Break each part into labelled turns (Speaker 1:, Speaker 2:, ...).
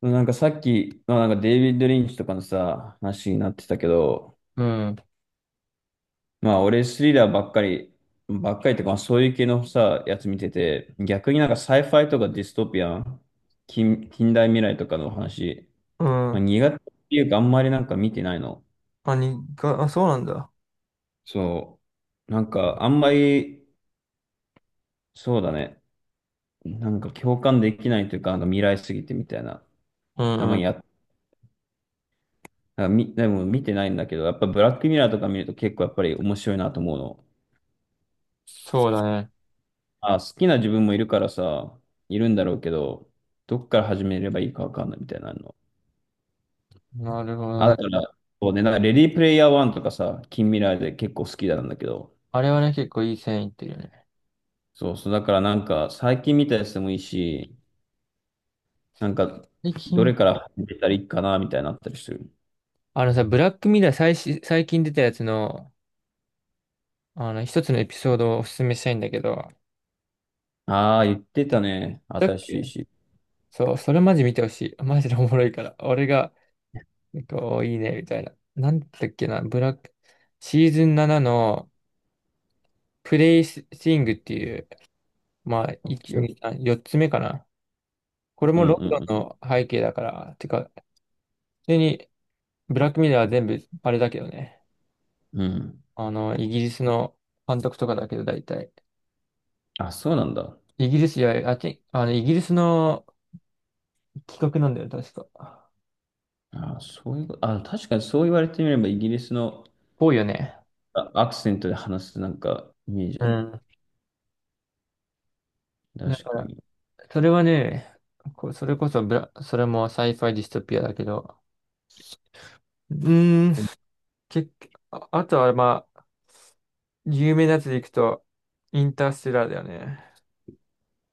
Speaker 1: なんかさっき、まあ、なんかデイビッド・リンチとかのさ、話になってたけど、
Speaker 2: うん。
Speaker 1: まあ俺スリラーばっかりとか、まあ、そういう系のさ、やつ見てて、逆になんかサイファイとかディストピアン、近代未来とかの話、
Speaker 2: う
Speaker 1: ま
Speaker 2: ん。
Speaker 1: あ、苦手っていうかあんまりなんか見てないの。
Speaker 2: あ、あ、そうなんだ。
Speaker 1: そう。なんかあんまり、そうだね。なんか共感できないというか、なんか未来すぎてみたいな。
Speaker 2: う
Speaker 1: た
Speaker 2: ん
Speaker 1: ま
Speaker 2: うん。
Speaker 1: にやっ、なんかみ、でも見てないんだけど、やっぱブラックミラーとか見ると結構やっぱり面白いなと思うの。
Speaker 2: そうだね。
Speaker 1: あ、好きな自分もいるからさ、いるんだろうけど、どっから始めればいいかわかんないみたいなの。
Speaker 2: なるほ
Speaker 1: あ、
Speaker 2: ど
Speaker 1: だ
Speaker 2: ね。
Speaker 1: から、そうね、なんかレディープレイヤー1とかさ、近未来で結構好きなんだけど、
Speaker 2: あれはね、結構いい線いってるよね。
Speaker 1: そうそう、だからなんか最近見たやつでもいいし、なんか、
Speaker 2: で、
Speaker 1: どれ
Speaker 2: 君、
Speaker 1: から始めたらいいかなみたいになったりする。
Speaker 2: あのさ、ブラックミラー最近出たやつの、一つのエピソードをおすすめしたいんだけど、
Speaker 1: ああ、言ってたね。
Speaker 2: だっ
Speaker 1: 新しい
Speaker 2: け
Speaker 1: し。
Speaker 2: そう、それマジ見てほしい。マジでおもろいから。俺が、こう、いいね、みたいな。なんだっけな、ブラック、シーズン7の、プレイスイングっていう、まあ、
Speaker 1: オッ
Speaker 2: 1、
Speaker 1: ケーオッケ
Speaker 2: 2、3、4つ目かな。これ
Speaker 1: ー。う
Speaker 2: もロンド
Speaker 1: ん
Speaker 2: ン
Speaker 1: うん
Speaker 2: の背景だから、てか、普通にブラックミラーは全部、あれだけどね。
Speaker 1: うん。うん。
Speaker 2: イギリスの監督とかだけど、大体。
Speaker 1: あ、そうなんだ。
Speaker 2: イギリス、いや、あっち、あの、イギリスの企画なんだよ、確か。
Speaker 1: あ、そういうこと、あ、確かにそう言われてみれば、イギリスの
Speaker 2: 多いよね。
Speaker 1: アクセントで話すなんかイメージ
Speaker 2: う
Speaker 1: ある。
Speaker 2: ん。だか
Speaker 1: 確か
Speaker 2: ら、
Speaker 1: に。
Speaker 2: それはね、こう、それこそブラ、それもサイファイディストピアだけど、うーん、結局、あ、あとは、まあ、有名なやつでいくと、インターステラーだよね。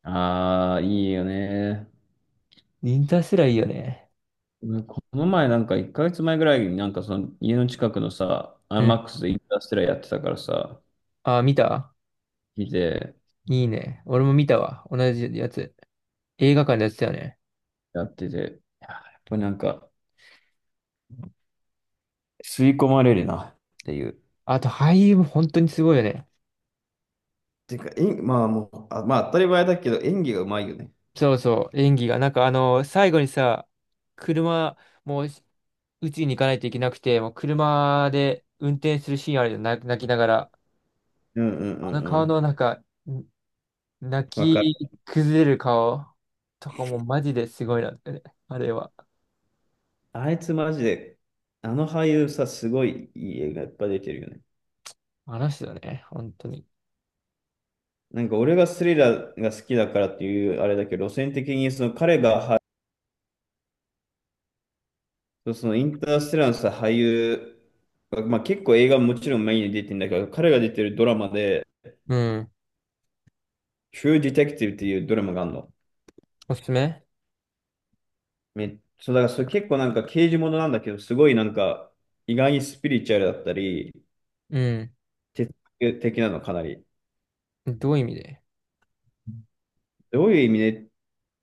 Speaker 1: ああ、いいよね。
Speaker 2: インターステラーいいよね。
Speaker 1: うん、この前なんか1ヶ月前ぐらいになんかその家の近くのさ、アイ
Speaker 2: う
Speaker 1: マ
Speaker 2: ん。
Speaker 1: ックスでインターステラーやってたからさ、
Speaker 2: あ、見た。
Speaker 1: 見て、
Speaker 2: いいね。俺も見たわ。同じやつ。映画館でやってたよね。
Speaker 1: やってて、いややっぱりなんか吸い込まれるなっていう。
Speaker 2: あと俳優も本当にすごいよね。
Speaker 1: てか、えんまあもう、あ、まあ当たり前だけど演技がうまいよね。
Speaker 2: そうそう、演技が。なんか最後にさ、車、もう、うちに行かないといけなくて、もう車で運転するシーンあるよ、泣きながら。
Speaker 1: うんうんうん
Speaker 2: あの
Speaker 1: う
Speaker 2: 顔
Speaker 1: ん。
Speaker 2: のなんか、ん泣
Speaker 1: わかる。
Speaker 2: き崩れる顔とかもマジですごいなってね。あれは。
Speaker 1: あいつマジで、あの俳優さ、すごいいい映画いっぱい出てるよね。
Speaker 2: あの人だね、本当に。
Speaker 1: なんか俺がスリラーが好きだからっていうあれだけど、路線的にその彼が、そう、そのインターステラーのさ、俳優、まあ、結構映画ももちろんメインに出てるんだけど、彼が出てるドラマで、
Speaker 2: うん。
Speaker 1: True Detective っていうドラマがあるの。
Speaker 2: おすすめ
Speaker 1: そう、だからそれ結構なんか刑事ものなんだけど、すごいなんか意外にスピリチュアルだったり、
Speaker 2: うん。
Speaker 1: 哲学的なのかなり。
Speaker 2: どういう意味で？
Speaker 1: どういう意味で、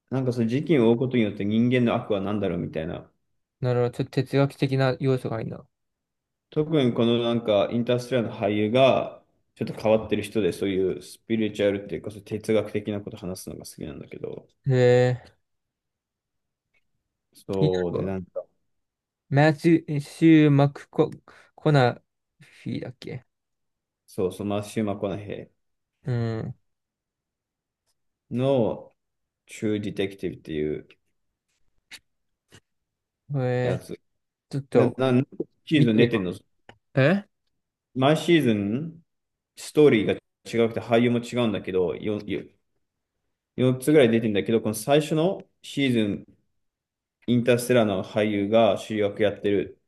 Speaker 1: なんかその事件を追うことによって人間の悪は何だろうみたいな。
Speaker 2: なるほど。ちょっと哲学的な要素がいいな。
Speaker 1: 特にこのなんかインターステラーの俳優がちょっと変わってる人で、そういうスピリチュアルっていうか、そう哲学的なこと話すのが好きなんだけど、
Speaker 2: へえ、気に
Speaker 1: そう
Speaker 2: なる
Speaker 1: で、
Speaker 2: わ。
Speaker 1: なんか、
Speaker 2: マチュシュー・マクコ、コナフィだっけ？
Speaker 1: そうそう、マシュー・マコナヘ
Speaker 2: うん。
Speaker 1: イの True Detective っていう
Speaker 2: こ
Speaker 1: や
Speaker 2: れ、
Speaker 1: つ。
Speaker 2: ちょっと、
Speaker 1: 何シー
Speaker 2: 見
Speaker 1: ズン
Speaker 2: てみ
Speaker 1: 出
Speaker 2: る。
Speaker 1: てんの？
Speaker 2: え
Speaker 1: 毎シーズン、ストーリーが違くて俳優も違うんだけど、4、よ4つぐらい出てんだけど、この最初のシーズン、インターステラーの俳優が主役やってる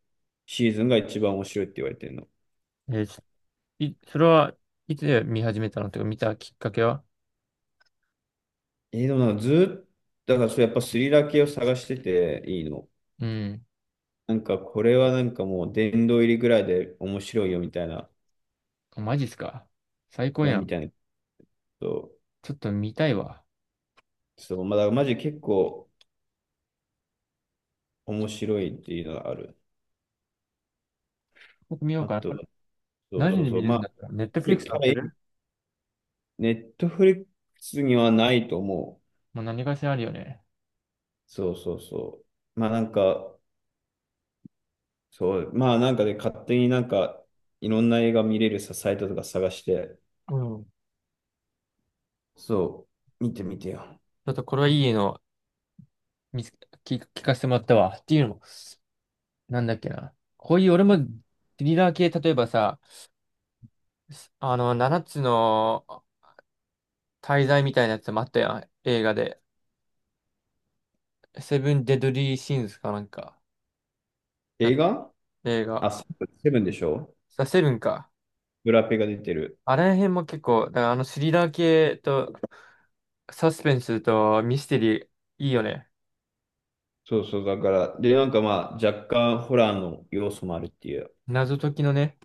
Speaker 1: シーズンが一番面白いって言われてるの。
Speaker 2: え、それはいつ見始めたのとか見たきっかけは？
Speaker 1: でもなんかずっと、だからそれやっぱスリラー系を探してていいの。
Speaker 2: うん。
Speaker 1: なんかこれはなんかもう殿堂入りぐらいで面白いよみたいな、
Speaker 2: あマジっすか。最高やん。
Speaker 1: ことを、
Speaker 2: ちょっと見たいわ。
Speaker 1: そう、まあ、だからマジ結構面白いっていうのがある。
Speaker 2: 僕見よう
Speaker 1: あ
Speaker 2: かな。
Speaker 1: と
Speaker 2: これ
Speaker 1: は、そう
Speaker 2: 何
Speaker 1: そ
Speaker 2: で
Speaker 1: うそ
Speaker 2: 見
Speaker 1: う。
Speaker 2: れる
Speaker 1: ま
Speaker 2: ん
Speaker 1: あ、
Speaker 2: だったらネットフリックス載って
Speaker 1: 彼、
Speaker 2: る？
Speaker 1: ネットフリックスにはないと思う。
Speaker 2: もう何かしらあるよね。
Speaker 1: そうそうそう。まあなんか、そう、まあなんかで勝手になんか、いろんな映画見れるさ、サイトとか探して、
Speaker 2: うん。ち
Speaker 1: そう、見てみてよ。
Speaker 2: ょっとこれはいいの見つ聞、聞かせてもらったわ。っていうのも、なんだっけな。こういう俺もスリラー系、例えばさ、7つの滞在みたいなやつもあったやん、映画で。セブン・デドリー・シーンズかなんか。だ、
Speaker 1: 映画。
Speaker 2: 映画。
Speaker 1: あ、セブンでしょ、
Speaker 2: あセブンか。
Speaker 1: ブラペが出てる。
Speaker 2: あれ辺も結構、だからあのスリラー系とサスペンスとミステリー、いいよね。
Speaker 1: そうそう、だから、で、なんかまあ、若干ホラーの要素もあるっていう。
Speaker 2: 謎解きのね、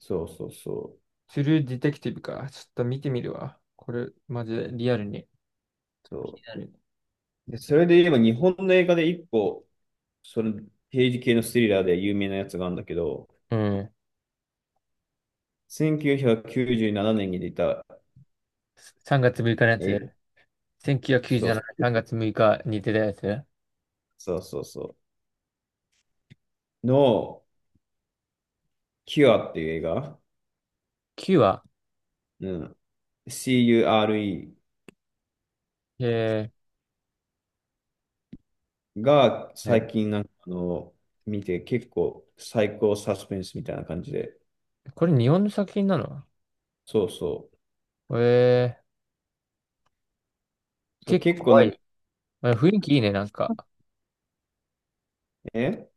Speaker 1: そうそうそ
Speaker 2: トゥルーディテクティブか。ちょっと見てみるわ。これ、マジでリアルに。リ
Speaker 1: う。そう
Speaker 2: アルに、
Speaker 1: で、それで言えば日本の映画で一個、その刑事系のスリラーで有名なやつがあるんだけど、
Speaker 2: うん。
Speaker 1: 1997年に出た、
Speaker 2: 3月6日のやつ。
Speaker 1: え、
Speaker 2: 1997
Speaker 1: そうそ
Speaker 2: 年
Speaker 1: う、
Speaker 2: 3月6日に出たやつ。
Speaker 1: そうそうそう、の、キュアっていう映画、
Speaker 2: 9話。
Speaker 1: うん、CURE
Speaker 2: え
Speaker 1: が
Speaker 2: ー、
Speaker 1: 最
Speaker 2: ね、
Speaker 1: 近なんか見て結構最高サスペンスみたいな感じで、
Speaker 2: これ日本の作品なの？
Speaker 1: そうそ
Speaker 2: えー、
Speaker 1: う、そう
Speaker 2: 結構
Speaker 1: 結構
Speaker 2: 怖
Speaker 1: なんか
Speaker 2: い。まあ、雰囲気いいね、なんか。
Speaker 1: ね、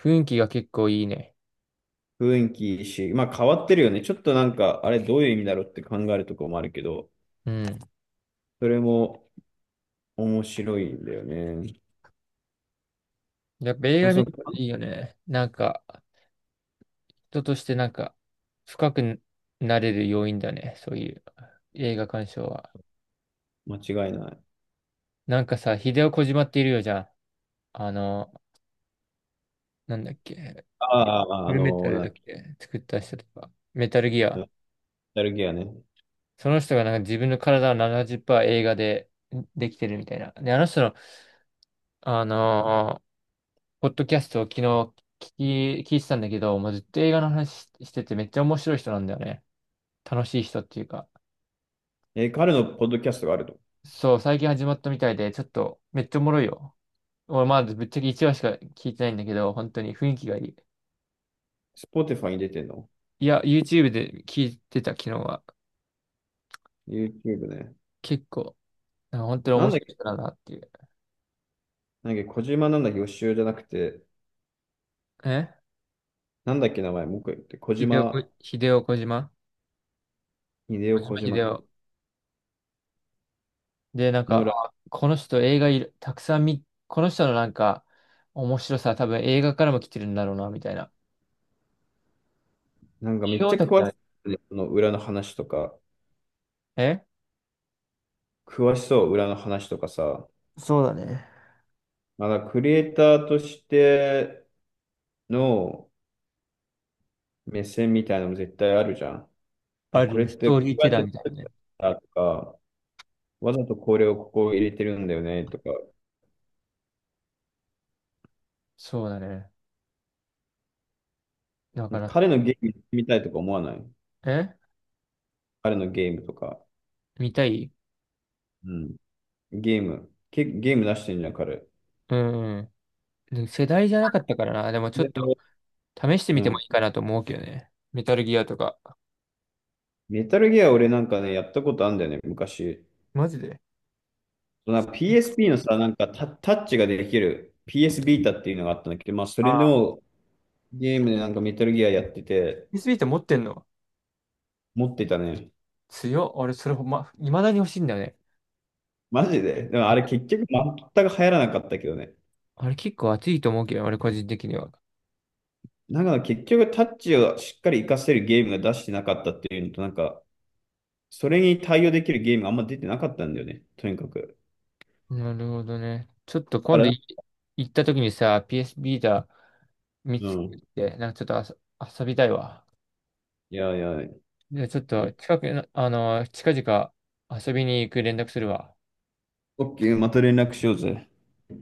Speaker 2: 雰囲気が結構いいね。
Speaker 1: 雰囲気いいし、まあ変わってるよね。ちょっとなんか、あれどういう意味だろうって考えるところもあるけど、
Speaker 2: うん。
Speaker 1: それも、面白いんだよね。
Speaker 2: やっぱ映
Speaker 1: まあ、
Speaker 2: 画見
Speaker 1: そう
Speaker 2: る
Speaker 1: か。
Speaker 2: といいよね。なんか、人としてなんか、深くなれる要因だね。そういう映画鑑賞は。
Speaker 1: 間違いない。
Speaker 2: なんかさ、ヒデオ・コジマっているよじゃん。あの、なんだっけ。
Speaker 1: ああ、
Speaker 2: フルメタル
Speaker 1: なん
Speaker 2: だ
Speaker 1: だっ
Speaker 2: っ
Speaker 1: け、
Speaker 2: け作った人とか。メタルギ
Speaker 1: ノ
Speaker 2: ア。
Speaker 1: スタルギアね。
Speaker 2: その人がなんか自分の体を70%映画でできてるみたいな。で、あの人の、あのポッドキャストを昨日聞いてたんだけど、もうずっと映画の話ししててめっちゃ面白い人なんだよね。楽しい人っていうか。
Speaker 1: え、彼のポッドキャストがあると。
Speaker 2: そう、最近始まったみたいで、ちょっとめっちゃおもろいよ。俺まだぶっちゃけ1話しか聞いてないんだけど、本当に雰囲気がいい。
Speaker 1: Spotify に出てんの？
Speaker 2: いや、YouTube で聞いてた昨日は。
Speaker 1: YouTube ね。
Speaker 2: 結構、なんか本当に
Speaker 1: な
Speaker 2: 面
Speaker 1: んだっ
Speaker 2: 白
Speaker 1: け、
Speaker 2: い人だなっていう。
Speaker 1: 小島なんだっけ、予習じゃなくて、
Speaker 2: え
Speaker 1: なんだっけ、名前、もう一回言って、小
Speaker 2: 秀夫こ、
Speaker 1: 島、
Speaker 2: 秀夫小島
Speaker 1: 秀夫
Speaker 2: 小
Speaker 1: 小
Speaker 2: 島秀
Speaker 1: 島か。
Speaker 2: 夫。で、なん
Speaker 1: の
Speaker 2: か、
Speaker 1: ら、
Speaker 2: あこの人映画いる、たくさん見、この人のなんか面白さは多分映画からも来てるんだろうな、みたいな。
Speaker 1: なんかめ
Speaker 2: 違
Speaker 1: っち
Speaker 2: う、
Speaker 1: ゃ
Speaker 2: だって
Speaker 1: 詳
Speaker 2: あ
Speaker 1: し
Speaker 2: れ、
Speaker 1: い、ね、その裏の話とか、
Speaker 2: え、
Speaker 1: 詳しそう、裏の話とかさ、
Speaker 2: そうだね。
Speaker 1: まだクリエイターとしての目線みたいなのも絶対あるじゃん。あ、
Speaker 2: あ
Speaker 1: こ
Speaker 2: る
Speaker 1: れっ
Speaker 2: ね、ス
Speaker 1: て、
Speaker 2: ト
Speaker 1: こ
Speaker 2: ーリー
Speaker 1: うや
Speaker 2: テ
Speaker 1: っ
Speaker 2: ラー
Speaker 1: て
Speaker 2: みたいなね。
Speaker 1: だとか、わざとこれをここを入れてるんだよねとか、
Speaker 2: そうだね。だからさ、
Speaker 1: 彼のゲームやってみたいとか思わない？
Speaker 2: え
Speaker 1: 彼のゲームとか。
Speaker 2: 見たい。
Speaker 1: うん。ゲーム。ゲーム出してんじゃん、彼。
Speaker 2: うんうん。で世代じゃなかったからな。でもちょっと
Speaker 1: で、
Speaker 2: 試してみ
Speaker 1: う
Speaker 2: ても
Speaker 1: ん。
Speaker 2: いいかなと思うけどね。メタルギアとか。
Speaker 1: メタルギア俺なんかね、やったことあるんだよね、昔。
Speaker 2: マジで。
Speaker 1: なんか PSP のさ、なんかタッチができる PS ビータっていうのがあったんだけど、まあそ
Speaker 2: あ
Speaker 1: れ
Speaker 2: あ、
Speaker 1: のゲームでなんかメタルギアやってて、
Speaker 2: PSI って持ってんの？
Speaker 1: 持ってたね。
Speaker 2: 強っ。俺、それほんま、未だに欲しいんだよね。
Speaker 1: マジで。でもあれ結局全く流行らなかったけどね。
Speaker 2: あれ結構熱いと思うけど、俺個人的には。
Speaker 1: なんか結局タッチをしっかり活かせるゲームが出してなかったっていうのと、なんか、それに対応できるゲームがあんま出てなかったんだよね、とにかく。
Speaker 2: なるほどね。ちょっと
Speaker 1: だ
Speaker 2: 今
Speaker 1: か
Speaker 2: 度
Speaker 1: ら、
Speaker 2: 行った時にさ、PS ビー t a 見
Speaker 1: う
Speaker 2: つ
Speaker 1: ん。
Speaker 2: けて、なんかちょっと遊びたいわ。
Speaker 1: いやいや、
Speaker 2: じゃあちょっと近くあの、近々遊びに行く連絡するわ。
Speaker 1: オッケー、また連絡しようぜ。